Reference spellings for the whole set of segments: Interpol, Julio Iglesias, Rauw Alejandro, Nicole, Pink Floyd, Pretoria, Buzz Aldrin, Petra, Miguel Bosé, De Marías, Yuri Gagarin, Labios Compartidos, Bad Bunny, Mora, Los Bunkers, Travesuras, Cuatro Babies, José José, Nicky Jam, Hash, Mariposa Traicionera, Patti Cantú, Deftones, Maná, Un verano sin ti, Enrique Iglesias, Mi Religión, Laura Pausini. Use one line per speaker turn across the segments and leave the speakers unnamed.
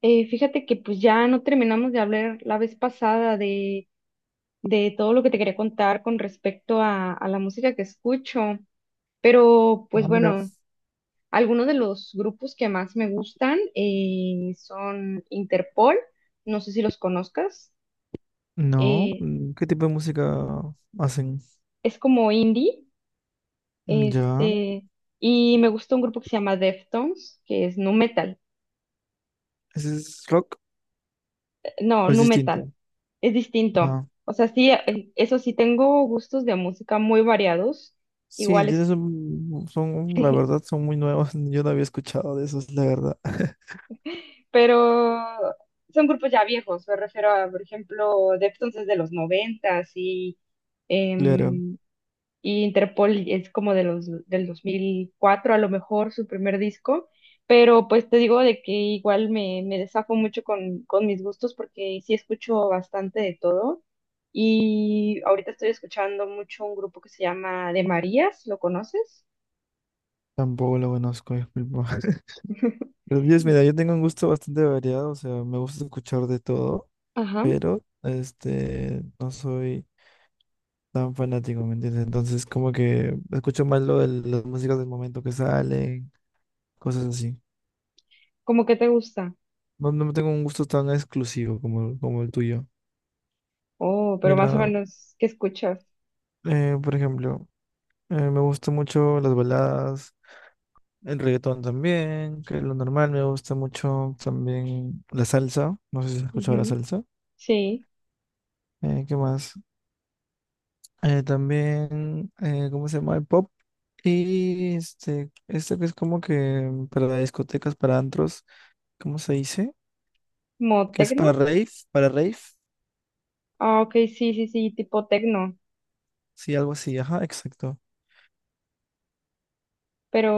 Fíjate que pues ya no terminamos de hablar la vez pasada de todo lo que te quería contar con respecto a la música que escucho, pero
Ah,
pues
mira.
bueno, algunos de los grupos que más me gustan son Interpol, no sé si los conozcas,
No,
eh,
mm, ¿qué tipo de música hacen?
es como indie,
Mm, ya,
este, y me gusta un grupo que se llama Deftones, que es nu metal.
¿ese es rock
No,
o es
nu metal.
distinto?
Es distinto.
Ah,
O sea, sí, eso sí, tengo gustos de música muy variados,
sí,
iguales,
son, la verdad, son muy nuevos. Yo no había escuchado de esos, la verdad.
pero son grupos ya viejos. Me refiero a, por ejemplo, Deftones es de los noventas
Claro,
em, y Interpol es como de los del 2004 a lo mejor su primer disco, pero pues te digo de que igual me desafo mucho con mis gustos porque sí escucho bastante de todo, y ahorita estoy escuchando mucho un grupo que se llama De Marías. ¿Lo conoces?
tampoco lo conozco, disculpa. Pero Dios, mira, yo tengo un gusto bastante variado, o sea, me gusta escuchar de todo,
Ajá,
pero este, no soy tan fanático, ¿me entiendes? Entonces, como que escucho más lo de las músicas del momento que salen, cosas así.
¿cómo que te gusta?
No, no tengo un gusto tan exclusivo como, como el tuyo.
Oh, pero más o
Mira,
menos, ¿qué escuchas?
por ejemplo, me gustan mucho las baladas, el reggaetón también, que es lo normal. Me gusta mucho también la salsa. No sé si has escuchado la
Ujú,
salsa.
sí,
¿Qué más? También, ¿cómo se llama? El pop. Y este que es como que para discotecas, para antros, ¿cómo se dice?
como
Que es para
tecno.
rave, para rave.
Ah, ok, sí, sí, sí, tipo tecno.
Sí, algo así, ajá, exacto.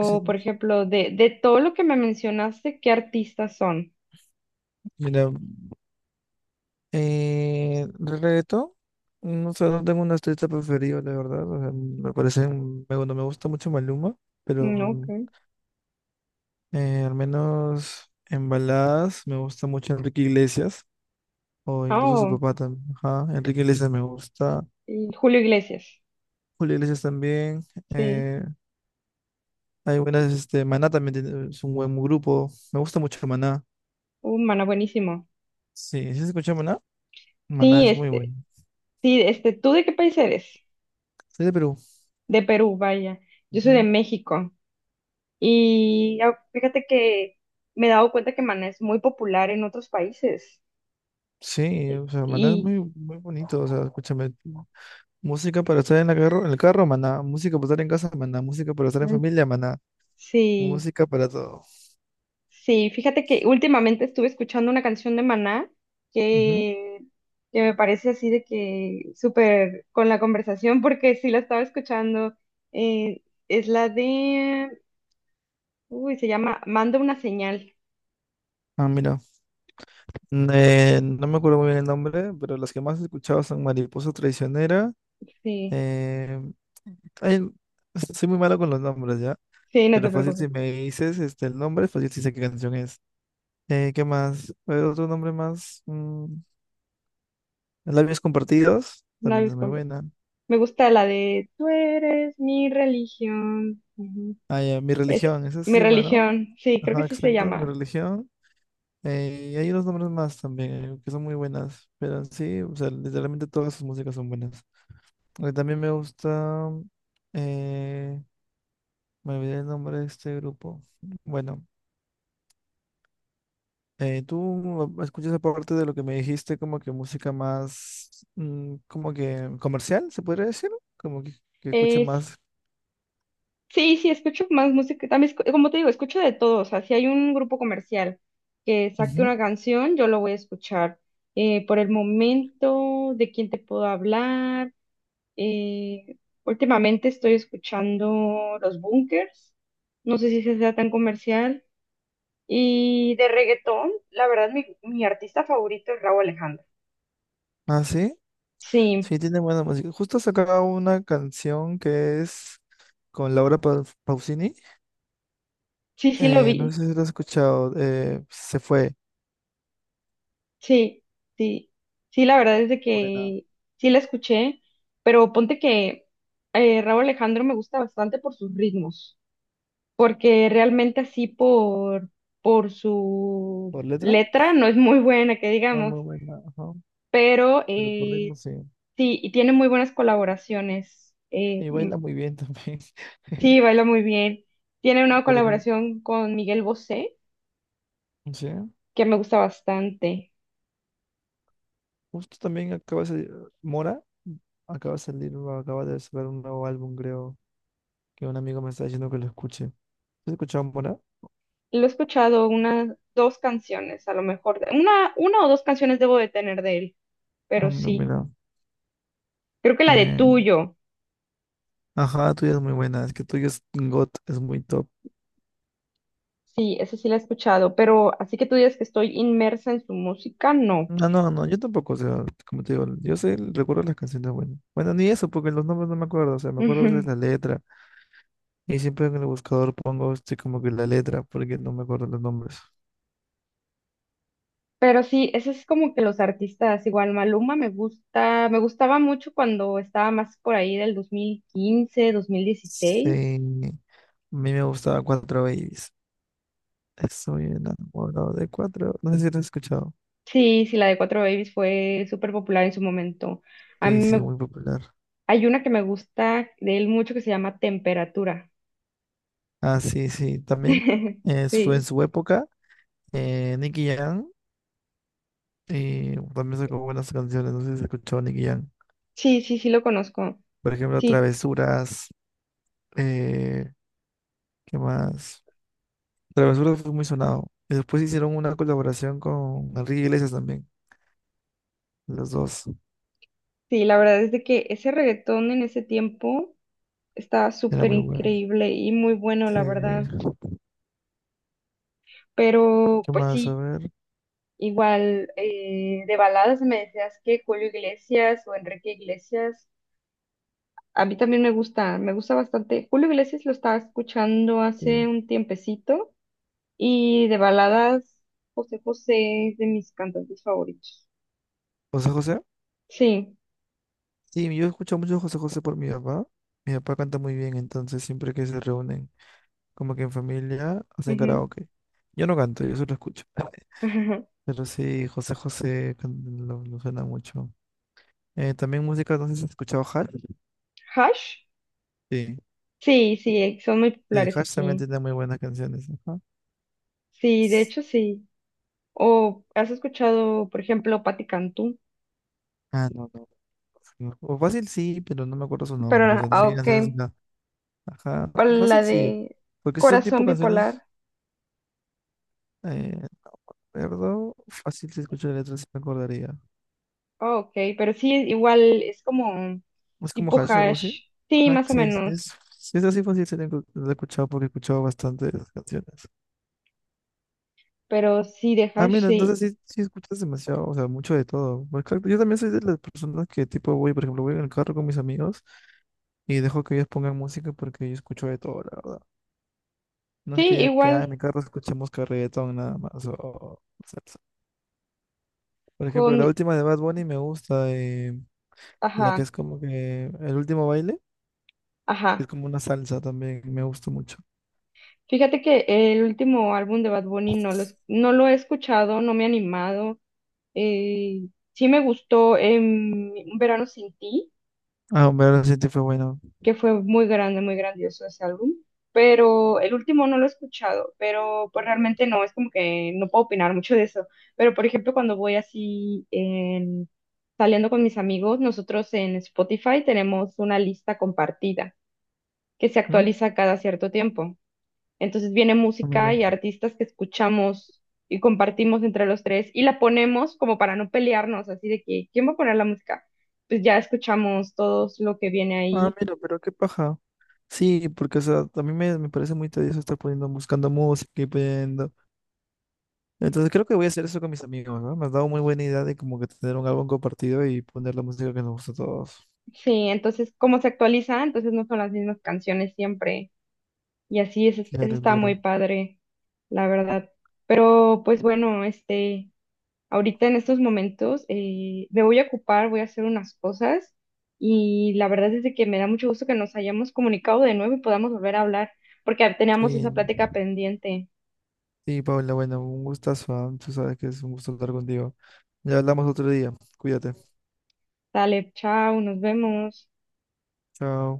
Ese-
por ejemplo, de todo lo que me mencionaste, ¿qué artistas son?
Mira, Eh, reto, no sé, no tengo una artista preferida, la verdad. O sea, me parece, no me gusta mucho Maluma,
Mm, ok.
pero al menos en baladas me gusta mucho Enrique Iglesias, o
Ah,
incluso su
oh,
papá también. Ajá, Enrique Iglesias me gusta,
y Julio Iglesias.
Julio Iglesias también.
Sí.
eh, Hay buenas, este, es un buen grupo. Me gusta mucho Maná.
Humana, buenísimo.
Sí, ¿sí se escucha Maná? Maná
Sí,
es muy bueno.
sí, ¿tú de qué país eres?
Soy de Perú.
De Perú, vaya. Yo soy de
Ujú.
México. Y fíjate que me he dado cuenta que Maná es muy popular en otros países.
Sí, o sea, Maná es
Y
muy, muy bonito, o sea, escúchame. Música para estar en la carro, en el carro, maná. Música para estar en casa, maná. Música para estar en
mm,
familia, maná.
sí.
Música para todo.
Sí, fíjate que últimamente estuve escuchando una canción de Maná
Ujú.
que, que me parece así de que súper con la conversación, porque sí la estaba escuchando. eh, es la de, uy, se llama Manda una señal.
Ah, mira. No me acuerdo muy bien el nombre, pero las que más he escuchado son Mariposa Traicionera.
Sí,
eh, ay, soy muy malo con los nombres, ¿ya?
sí, no te
Pero fácil
preocupes,
si me dices este, el nombre, fácil si sé qué canción es. ¿Qué más? ¿Hay otro nombre más? Mm, Labios Compartidos,
no
también
hay
es muy
compro.
buena.
Me gusta la de Tú eres mi religión. Ujú.
Ah, ya, Mi
Es
Religión, esa
mi
se llama, ¿no?
religión, sí, creo que
Ajá,
sí se
exacto, Mi
llama.
Religión. Y hay unos nombres más también que son muy buenas, pero sí, o sea, literalmente todas sus músicas son buenas. También me gusta, eh, me olvidé el nombre de este grupo. Bueno, tú escuchas aparte de lo que me dijiste, como que música más, mm, como que comercial, se podría decir, como que escuche más.
Sí, sí, escucho más música. También, como te digo, escucho de todo. O sea, si hay un grupo comercial que saque
Ujú.
una canción, yo lo voy a escuchar. Por el momento, ¿de quién te puedo hablar? Eh, últimamente estoy escuchando Los Bunkers. No sé si se sea tan comercial. Y de reggaetón, la verdad, mi artista favorito es Rauw Alejandro.
Ah, sí,
Sí,
sí, tiene buena música. Justo sacaba una canción que es con Pausini.
sí, sí lo
No
vi.
sé si lo has escuchado. Se fue.
Sí, sí, sí, la verdad es de
Buena.
que sí la escuché, pero ponte que Raúl Alejandro me gusta bastante por sus ritmos, porque realmente así por su
¿Por letra?
letra no es muy buena, que
Va
digamos,
muy buena. Ajá,
pero
pero por ritmo sí.
sí, y tiene muy buenas colaboraciones.
Y baila muy bien también.
Sí, baila muy bien, tiene una
Por ejemplo,
colaboración con Miguel Bosé,
sí.
que me gusta bastante.
Justo también acaba de salir. Mora acaba de salir, o acaba de sacar un nuevo álbum, creo. Que un amigo me está diciendo que lo escuche. ¿Has escuchado Mora?
Lo he escuchado unas dos canciones, a lo mejor. Una o dos canciones debo de tener de él,
Ah,
pero
no,
sí.
mira.
Creo que la de
eh,
Tuyo,
ajá, tuya es muy buena. Es que tuya es God es muy top.
sí, esa sí la he escuchado, pero así que tú digas que estoy inmersa en su música, no.
No, no, no, yo tampoco, o sea, como te digo, recuerdo las canciones buenas. Bueno, ni eso, porque los nombres no me acuerdo, o sea, me acuerdo a
Ujú.
veces la letra, y siempre en el buscador pongo este, como que la letra, porque no me acuerdo los nombres.
Pero sí, ese es como que los artistas, igual Maluma me gusta, me gustaba mucho cuando estaba más por ahí del 2015 dos mil
Sí,
dieciséis
a mí me gustaba Cuatro Babies. Estoy enamorado de Cuatro, no sé si lo has escuchado.
Sí, sí, la de Cuatro Babies fue súper popular en su momento. A
Sí,
mí
sí,
me,
muy popular.
hay una que me gusta de él mucho que se llama Temperatura.
Ah, sí, sí, también en
Sí,
su época, Nicky Jam, y también sacó buenas canciones, no sé si has escuchado Nicky Jam.
sí, sí, sí lo conozco.
Por ejemplo,
Sí,
Travesuras. eh, ¿Qué más? Travesura fue muy sonado. Y después hicieron una colaboración con Enrique Iglesias también. Los dos.
sí, la verdad es de que ese reggaetón en ese tiempo estaba
Era
súper
muy bueno.
increíble y muy bueno,
Sí.
la verdad. Pero,
¿Qué
pues
más? A
sí,
ver.
igual de baladas me decías que Julio Iglesias o Enrique Iglesias, a mí también me gusta bastante. Julio Iglesias lo estaba escuchando
Sí.
hace un tiempecito y de baladas, José José es de mis cantantes favoritos.
José José.
Sí.
Sí, yo escucho mucho José José por mi papá. Mi papá canta muy bien, entonces siempre que se reúnen, como que en familia, hacen
Ujú.
karaoke. Yo no canto, yo solo escucho. Pero sí, lo suena mucho. También música, no sé si has escuchado Hash.
Hash.
Sí,
Sí, sí, son muy
sí,
populares
Hash también
aquí.
tiene muy buenas canciones. Ajá.
Sí, de hecho sí. O has escuchado, por ejemplo, Patti Cantú,
Ah, no, no. O fácil sí, pero no me acuerdo su
pero
nombre. O
ah,
sea, no sé
ah,
qué
ok,
canciones son. Ajá,
la
fácil sí.
de
Porque si son tipo
Corazón
canciones,
Bipolar.
eh, recuerdo, fácil si escucho la letra sí me acordaría.
Ah, ok, pero sí, igual es como
Es como
tipo
Hash, algo así.
hash. Sí,
Ajá,
más o
sí,
menos,
sí es así, fácil sí la he escuchado porque he escuchado bastantes canciones.
pero sí de
Ah,
hash,
mira, entonces
sí.
sí, sí escuchas demasiado, o sea, mucho de todo. Pues claro, yo también soy de las personas que tipo voy, por ejemplo, voy en el carro con mis amigos y dejo que ellos pongan música porque yo escucho de todo, la verdad. No es que
Sí,
ya que ah, en
igual
mi carro escuchemos que reggaetón nada más. O salsa. Por
con,
ejemplo, la última de Bad Bunny me gusta, la que es
ajá,
como que el último baile, que es
ajá.
como una salsa también, me gusta mucho.
Fíjate que el último álbum de Bad Bunny no lo he escuchado, no me he animado. Eh, sí me gustó Un verano sin ti,
Ah, hombre, ahora sí te fue bueno.
que fue muy grande, muy grandioso ese álbum, pero el último no lo he escuchado, pero pues realmente no, es como que no puedo opinar mucho de eso. Pero por ejemplo, cuando voy así saliendo con mis amigos, nosotros en Spotify tenemos una lista compartida que se
¿Mm?
actualiza cada cierto tiempo. Entonces viene
Ah,
música
mira.
y artistas que escuchamos y compartimos entre los tres y la ponemos como para no pelearnos, así de que, ¿quién va a poner la música? Pues ya escuchamos todos lo que viene ahí.
Ah, mira, pero qué paja. Sí, porque o sea, a mí me, me parece muy tedioso estar poniendo, buscando música y pidiendo. Entonces creo que voy a hacer eso con mis amigos, ¿no? Me has dado muy buena idea de como que tener un álbum compartido y poner la música que nos gusta a todos.
Sí, entonces como se actualiza, entonces no son las mismas canciones siempre. Y así es, eso
Claro,
está muy
claro.
padre, la verdad. Pero pues bueno, ahorita en estos momentos me voy a ocupar, voy a hacer unas cosas y la verdad es de que me da mucho gusto que nos hayamos comunicado de nuevo y podamos volver a hablar porque teníamos
Sí.
esa plática pendiente.
Sí, Paula, bueno, un gustazo, ah, tú sabes que es un gusto hablar contigo. Ya hablamos otro día. Cuídate.
Dale, chao, nos vemos.
Chao.